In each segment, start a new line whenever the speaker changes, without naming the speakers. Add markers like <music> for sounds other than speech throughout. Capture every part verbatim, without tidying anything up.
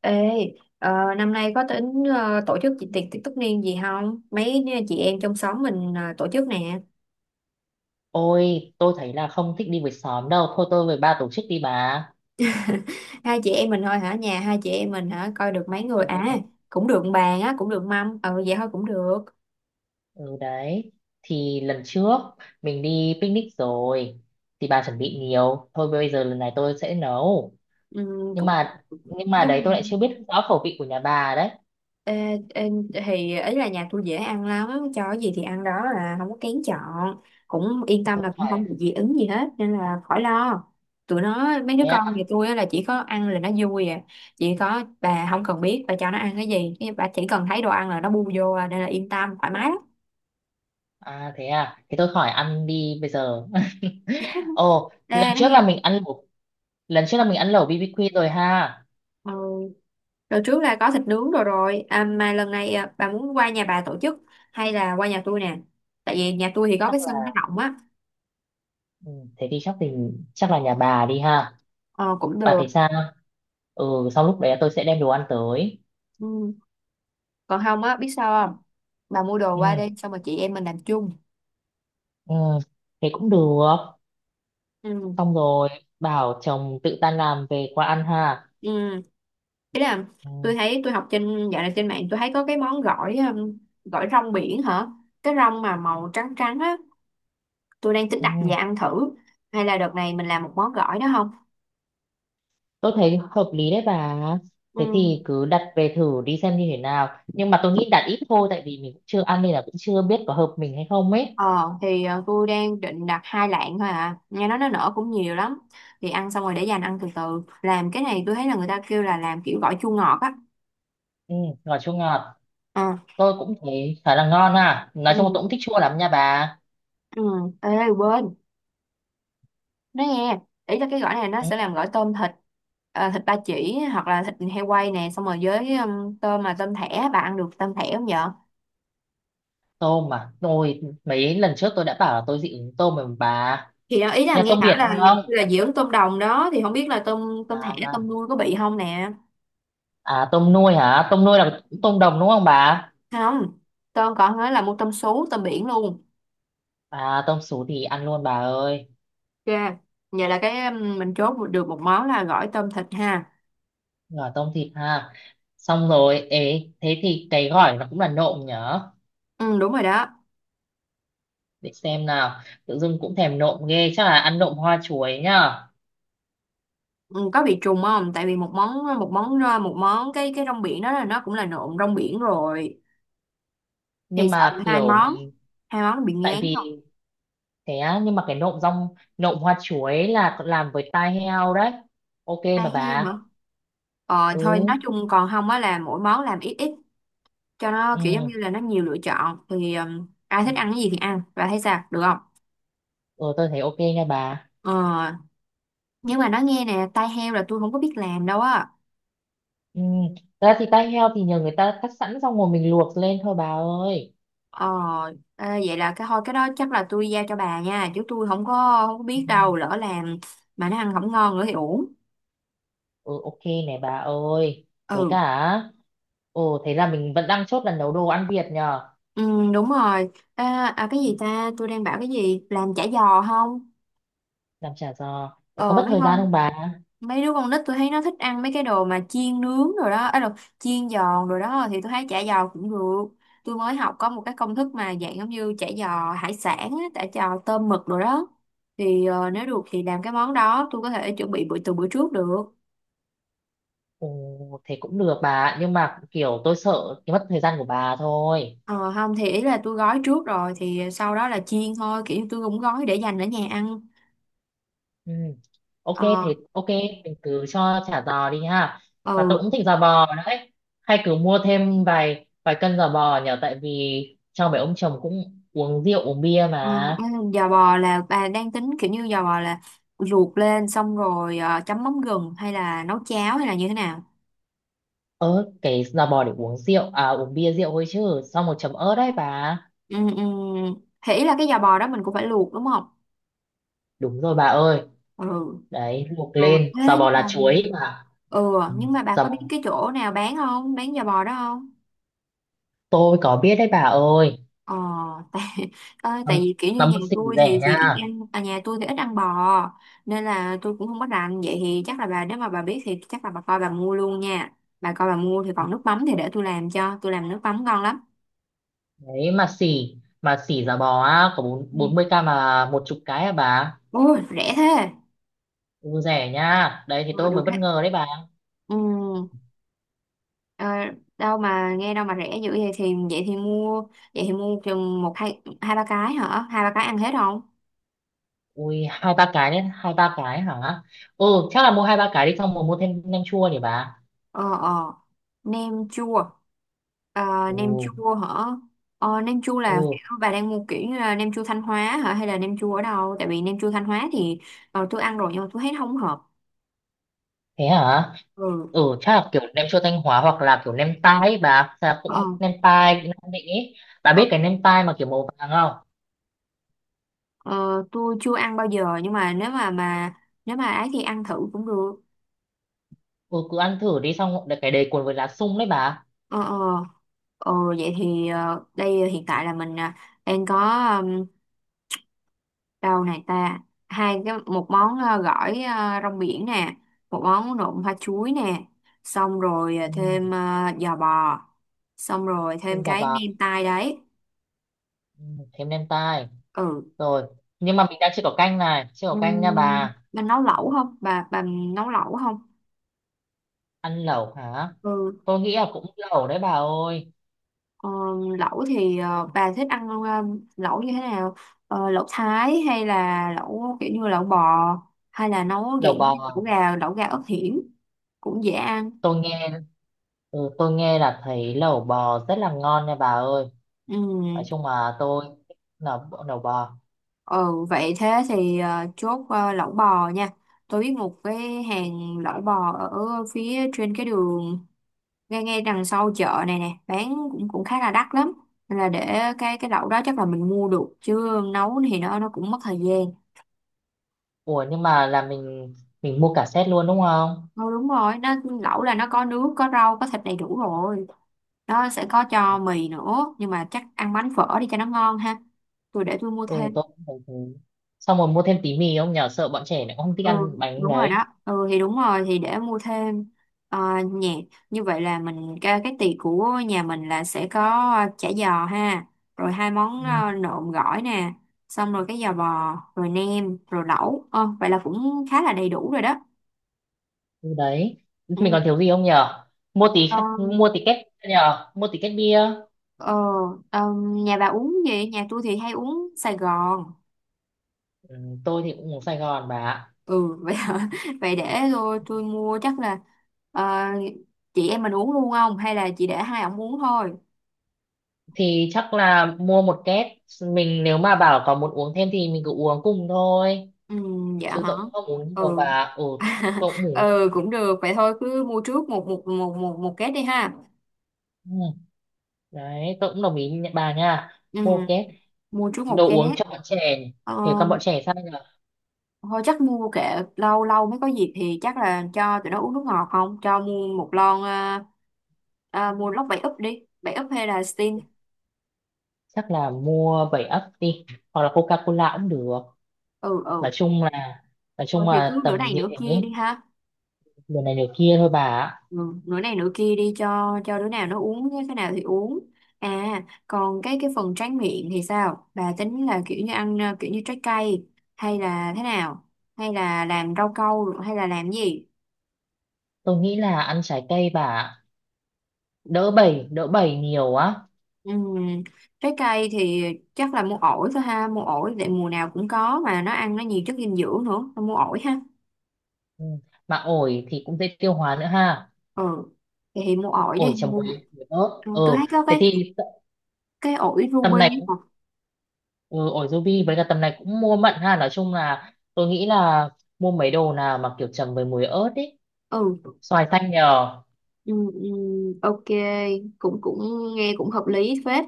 Ê, ờ, năm nay có tính ờ, tổ chức chị tiệc tiệc tất niên gì không? Mấy chị em trong xóm mình ờ, tổ chức nè.
Ôi, tôi thấy là không thích đi với xóm đâu. Thôi tôi với ba tổ chức đi bà.
<laughs> Hai chị em mình thôi hả? Nhà hai chị em mình hả? Coi được mấy người
Ừ,
à? Cũng được bàn á, cũng được mâm. Ừ vậy thôi cũng được.
ừ đấy. Thì lần trước mình đi picnic rồi. Thì bà chuẩn bị nhiều. Thôi bây giờ lần này tôi sẽ nấu.
Ừ,
Nhưng
cũng
mà nhưng mà
nhưng
đấy
mà
tôi lại chưa biết rõ khẩu vị của nhà bà đấy.
Ê, ê, thì ấy là nhà tôi dễ ăn lắm, cho cái gì thì ăn đó, là không có kén chọn, cũng yên
Thế
tâm
thôi
là cũng
khỏi,
không bị dị ứng gì hết nên là khỏi lo. Tụi nó mấy đứa
thế
con
à?
nhà tôi á là chỉ có ăn là nó vui à. Chỉ có bà không cần biết bà cho nó ăn cái gì, cái bà chỉ cần thấy đồ ăn là nó bu vô à, nên là yên tâm thoải mái lắm.
À thế à. Thế tôi khỏi ăn đi bây giờ. <laughs> Ồ,
Ê,
lần
nó
trước
nghe
là mình ăn lẩu, lần trước là mình ăn lẩu bê bê quy rồi ha.
ừ. Rồi trước là có thịt nướng rồi rồi à, mà lần này à, bà muốn qua nhà bà tổ chức hay là qua nhà tôi nè, tại vì nhà tôi thì có
Chắc
cái sân nó
là,
rộng á.
ừ, thế thì chắc thì chắc là nhà bà đi ha.
ờ, cũng
Bà
được.
thấy sao? Ừ, xong lúc đấy tôi sẽ đem đồ ăn tới.
Ừ. Còn không á biết sao không, bà mua đồ qua
ừ,
đây xong rồi chị em mình làm chung.
ừ thế cũng được,
ừ
xong rồi bảo chồng tự tan làm về qua ăn ha.
ừ Thế là
ừ,
tôi thấy tôi học trên, dạo này trên mạng tôi thấy có cái món gỏi, um, gỏi rong biển hả, cái rong mà màu trắng trắng á, tôi đang tính đặt về
ừ.
ăn thử. Hay là đợt này mình làm một món gỏi đó không?
Tôi thấy hợp lý đấy bà. Thế
Ừ.
thì cứ đặt về thử đi xem như thế nào, nhưng mà tôi nghĩ đặt ít thôi, tại vì mình cũng chưa ăn nên là cũng chưa biết có hợp mình hay không ấy.
Ờ thì ờ, tôi đang định đặt hai lạng thôi à, nghe nói nó nở cũng nhiều lắm, thì ăn xong rồi để dành ăn từ từ. Làm cái này tôi thấy là người ta kêu là làm kiểu gỏi chua ngọt á.
Ừ, ngọt, chua ngọt.
Ờ.
Tôi cũng thấy khá là ngon ha, nói chung là
ừ
tôi cũng thích chua lắm nha bà.
ừ ê quê nói nghe, ý là cái gỏi này nó
Ừ,
sẽ làm gỏi tôm thịt, ờ, thịt ba chỉ hoặc là thịt heo quay nè, xong rồi với um, tôm, mà tôm thẻ bà ăn được tôm thẻ không vợ?
tôm mà tôi mấy lần trước tôi đã bảo là tôi dị ứng tôm rồi mà bà.
Thì đó, ý là
Nhà
nghe
tôm
bảo
biển
là
không
là dưỡng tôm đồng đó, thì không biết là tôm tôm thẻ
à?
tôm nuôi có bị không nè.
À tôm nuôi hả? Tôm nuôi là tôm đồng đúng không bà?
Không, tôm còn nói là mua tôm sú tôm biển luôn.
À tôm sú thì ăn luôn bà ơi.
Ok, vậy là cái um, mình chốt được một món là gỏi tôm thịt ha.
Rồi tôm thịt ha. Xong rồi, ế, thế thì cái gỏi nó cũng là nộm nhở?
Ừ đúng rồi đó.
Để xem nào. Tự dưng cũng thèm nộm ghê, chắc là ăn nộm hoa chuối nhá.
Ừ, có bị trùng không, tại vì một món một món ờ, một món cái cái rong biển đó là nó cũng là nộm rong biển rồi, thì
Nhưng
sợ
mà
là hai
kiểu
món,
mình,
hai món nó bị
tại
ngán
vì
không.
thế á, nhưng mà cái nộm rong, nộm hoa chuối là làm với tai heo đấy. Ok
Hai
mà
heo
bà.
nữa. Ờ thôi
Ừ.
nói chung còn không á là mỗi món làm ít ít, cho nó
Ừ.
kiểu giống như là nó nhiều lựa chọn, thì um, ai
Ừ,
thích ăn cái gì thì ăn và thấy sao, được không?
ừ, tôi thấy ok nha bà.
Ờ nhưng mà nói nghe nè, tai heo là tôi không có biết làm đâu á.
Ừ. Thật ra thì tai heo thì nhờ người ta cắt sẵn xong rồi mình luộc lên thôi bà ơi.
Ờ, à, vậy là cái thôi cái đó chắc là tôi giao cho bà nha, chứ tôi không có, không có
Ừ,
biết, đâu lỡ làm mà nó ăn không ngon nữa thì uổng.
ừ, ok này bà ơi. Với
Ừ.
cả, ồ thế là mình vẫn đang chốt là nấu đồ ăn Việt nhờ.
Ừ đúng rồi. À, à cái gì ta, tôi đang bảo cái gì làm chả giò không.
Làm chả giò. Thế có
ờ
mất
mấy
thời gian
con
không bà?
Mấy đứa con nít tôi thấy nó thích ăn mấy cái đồ mà chiên nướng rồi đó, ấy là chiên giòn rồi đó, thì tôi thấy chả giò cũng được. Tôi mới học có một cái công thức mà dạng giống như chả giò hải sản á, chả giò tôm mực rồi đó, thì ờ, nếu được thì làm cái món đó, tôi có thể chuẩn bị bữa từ bữa trước được.
Ồ thế cũng được bà, ạ, nhưng mà kiểu tôi sợ cái mất thời gian của bà thôi.
ờ, Không thì ý là tôi gói trước rồi thì sau đó là chiên thôi, kiểu như tôi cũng gói để dành ở nhà ăn.
Ừ. Ok
Ờ.
thì ok, mình cứ cho chả giò đi ha, và
Ừ.
tôi cũng thích giò bò đấy. Hay cứ mua thêm vài vài cân giò bò nhở, tại vì cho mấy ông chồng cũng uống rượu uống bia
ờ,
mà.
Giò bò là bà đang tính kiểu như giò bò là luộc lên xong rồi ờ, chấm mắm gừng hay là nấu cháo hay là như thế nào?
Ớ cái giò bò để uống rượu à, uống bia rượu thôi chứ, xong một chấm ớt đấy bà.
Ừ, ừ. Thì ý là cái giò bò đó mình cũng phải luộc đúng không?
Đúng rồi bà ơi,
Ừ.
đấy luộc
Ừ.
lên giò
Thế
bò
nhưng
lá
mà,
chuối bà.
ừ
Ừ.
nhưng mà bà
Giò
có
bò
biết cái chỗ nào bán không? Bán giò bò đó không?
tôi có biết đấy bà ơi.
Ờ, tại <laughs> ờ,
Tầm,
tại vì kiểu như
tầm
nhà
mua xỉ
tôi thì
rẻ
thì
nha,
ít ăn à, nhà tôi thì ít ăn bò, nên là tôi cũng không có rành. Vậy thì chắc là bà nếu mà bà biết thì chắc là bà coi bà mua luôn nha. Bà coi bà mua thì còn nước mắm thì để tôi làm cho, tôi làm nước mắm ngon lắm.
đấy mà xỉ, mà xỉ giả bò á có bốn
Ừ.
bốn mươi k mà một chục cái à bà.
Ôi rẻ thế.
Ừ, rẻ nha, đấy thì
Ờ,
tôi
được
mới bất
đấy.
ngờ đấy bà.
Ừ. Ờ, đâu mà nghe đâu mà rẻ dữ vậy, thì vậy thì mua, vậy thì mua chừng một hai hai ba cái hả? Hai ba cái ăn hết không?
Ui hai ba cái đấy, hai ba cái hả, ừ chắc là mua hai ba cái đi, xong rồi mua thêm nem chua nhỉ bà.
ờ ờ nem chua Ờ,
Ừ,
nem chua hả? Ờ, nem chua là
ừ,
kiểu bà đang mua kiểu như là nem chua Thanh Hóa hả, hay là nem chua ở đâu? Tại vì nem chua Thanh Hóa thì ờ, tôi ăn rồi nhưng mà tôi thấy nó không hợp.
thế hả,
Ừ.
ừ chắc là kiểu nem chua Thanh Hóa hoặc là kiểu nem tai ấy bà. Chắc là
ờ,
cũng nem tai Nam Định ấy, bà
ờ,
biết cái nem tai mà kiểu màu vàng không?
ờ, tôi chưa ăn bao giờ nhưng mà nếu mà mà nếu mà ấy thì ăn thử cũng được.
Ừ cứ ăn thử đi, xong rồi cái đầy cuốn với lá sung đấy bà.
ờ ờ Ừ, vậy thì ờ, đây hiện tại là mình ờ, đang có, um, đâu này ta, hai cái một món ờ, gỏi ờ, rong biển nè, một món nộm hoa chuối nè, xong rồi ờ, thêm
Ừ,
ờ, giò bò, xong rồi
thêm
thêm
cả
cái
vào,
nem tai đấy.
ừ, thêm nem tai
Ừ.
rồi. Nhưng mà mình đang chưa có canh, này chưa có canh nha
Um,
bà.
bà nấu lẩu không bà, bà nấu lẩu không?
Ăn lẩu hả?
Ừ.
Tôi nghĩ là cũng lẩu đấy bà ơi.
Ờ, lẩu thì ờ, bà thích ăn ờ, lẩu như thế nào? Ờ, lẩu Thái hay là lẩu kiểu như lẩu bò, hay là nấu
Lẩu
dạng như
bò,
lẩu gà, lẩu gà ớt hiểm cũng dễ ăn.
tôi nghe, ừ, tôi nghe là thấy lẩu bò rất là ngon nha bà ơi.
Ừ,
Nói chung là tôi thích lẩu, lẩu bò.
ừ vậy thế thì ờ, chốt ờ, lẩu bò nha. Tôi biết một cái hàng lẩu bò ở phía trên cái đường, ngay ngay đằng sau chợ này nè, bán cũng cũng khá là đắt lắm. Nên là để cái cái lẩu đó chắc là mình mua được, chứ nấu thì nó nó cũng mất thời gian.
Ủa nhưng mà là mình mình mua cả set luôn đúng không?
Ừ, đúng rồi, nó lẩu là nó có nước có rau có thịt đầy đủ rồi, nó sẽ có cho mì nữa nhưng mà chắc ăn bánh phở đi cho nó ngon ha, tôi để tôi mua
Ui
thêm.
tôi cũng thấy thế. Xong rồi mua thêm tí mì không nhờ, sợ bọn trẻ nó không thích
Ừ
ăn bánh
đúng rồi
đấy.
đó. Ừ thì đúng rồi thì để mua thêm. Ờ, nhạc Như vậy là mình cái, cái tiệc của nhà mình là sẽ có ờ, chả giò ha, rồi hai món
Ừ,
ờ, nộm gỏi nè, xong rồi cái giò bò rồi nem rồi lẩu. ờ, Vậy là cũng khá là đầy đủ rồi đó.
ừ đấy, mình còn thiếu gì không nhờ, mua tí,
Ừ.
mua tí két nhờ, mua tí két bia.
Ờ, ờm, nhà bà uống gì? Nhà tôi thì hay uống Sài Gòn.
Ừ, tôi thì cũng uống Sài Gòn bà ạ.
Ừ, vậy hả? <laughs> Vậy để tôi tôi mua, chắc là ờ, chị em mình uống luôn không? Hay là chị để hai ổng uống thôi?
Thì chắc là mua một két, mình nếu mà bảo có muốn uống thêm thì mình cứ uống cùng thôi,
Ừ, dạ
chứ
hả?
tôi cũng không uống nhiều bà
Ừ.
ạ. Ừ,
<laughs>
tôi cũng uống,
ừ cũng được. Vậy thôi cứ mua trước một một một một một két đi ha.
ừ. Đấy tôi cũng đồng ý nha- bà nha,
Ừ,
mua một két
mua trước một
đồ
két.
uống cho bọn trẻ, thì
Ờ,
con bọn trẻ sao nhỉ.
thôi chắc mua kệ, lâu lâu mới có dịp thì chắc là cho tụi nó uống nước ngọt, không cho mua một lon à, à, mua lốc bảy úp đi, bảy úp hay là Sting.
Chắc là mua bảy ấp đi, hoặc là Coca-Cola cũng được.
Ừ. Ừ.
Nói chung là, nói
Thôi
chung
thì cứ
là
nửa
tầm
này
như
nửa
thế,
kia đi ha.
điều này điều kia thôi bà ạ.
Ừ, nửa này nửa kia đi cho cho đứa nào nó uống cái nào thì uống. À còn cái cái phần tráng miệng thì sao, bà tính là kiểu như ăn à, kiểu như trái cây hay là thế nào, hay là làm rau câu hay là làm gì?
Tôi nghĩ là ăn trái cây bà ạ, đỡ bảy, đỡ bảy nhiều á.
Ừ. Trái cây thì chắc là mua ổi thôi ha, mua ổi để mùa nào cũng có mà nó ăn nó nhiều chất dinh dưỡng nữa, thôi mua ổi ha.
Ừ. Mà ổi thì cũng dễ tiêu hóa nữa ha,
Ừ thì, mua ổi
ổi
đi
chấm
mua,
muối, muối ớt.
tôi
Ừ
thấy có
thế
cái
thì t-,
cái ổi
tầm
ruby
này
ấy
cũng-,
mà.
ừ, ổi ruby với cả tầm này cũng mua mận ha, nói chung là tôi nghĩ là mua mấy đồ nào mà kiểu chấm với muối ớt ý,
Ừ.
xoài xanh nhờ.
Ừ, ừ, ok, cũng cũng nghe cũng hợp lý phết.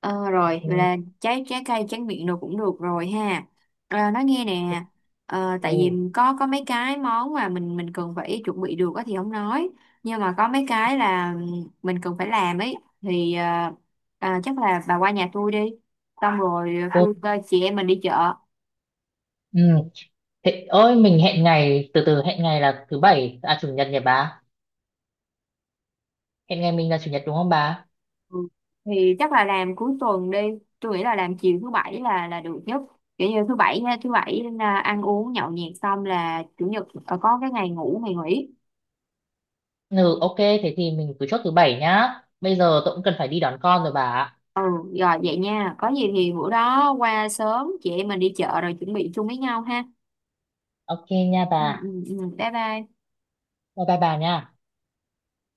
Ờ, rồi vậy
Ừ.
là trái trái cây tráng miệng đồ cũng được rồi ha. À, nói nghe nè, ờ, tại vì
Ừ.
có có mấy cái món mà mình mình cần phải chuẩn bị được á thì không nói, nhưng mà có mấy cái là mình cần phải làm ấy, thì ờ, à, chắc là bà qua nhà tôi đi, xong rồi
Ừ.
tôi tôi- chị em mình đi chợ.
Ừ. Thế ơi mình hẹn ngày, từ từ, hẹn ngày là thứ bảy à chủ nhật nhỉ bà, hẹn ngày mình là chủ nhật đúng không bà?
Ừ. Thì chắc là làm cuối tuần đi, tôi nghĩ là làm chiều thứ bảy là là được nhất, kiểu như thứ bảy thứ bảy à, ăn uống nhậu nhẹt xong là chủ nhật ờ, có cái ngày ngủ ngày nghỉ.
Ừ ok thế thì mình cứ chốt thứ bảy nhá, bây giờ tôi cũng cần phải đi đón con rồi bà ạ.
Ừ. Rồi vậy nha, có gì thì bữa đó qua sớm chị em mình đi chợ rồi chuẩn bị chung với nhau ha.
Ok nha
Ừ,
bà,
ừ, ừ. Bye bye.
bye bye bà nha.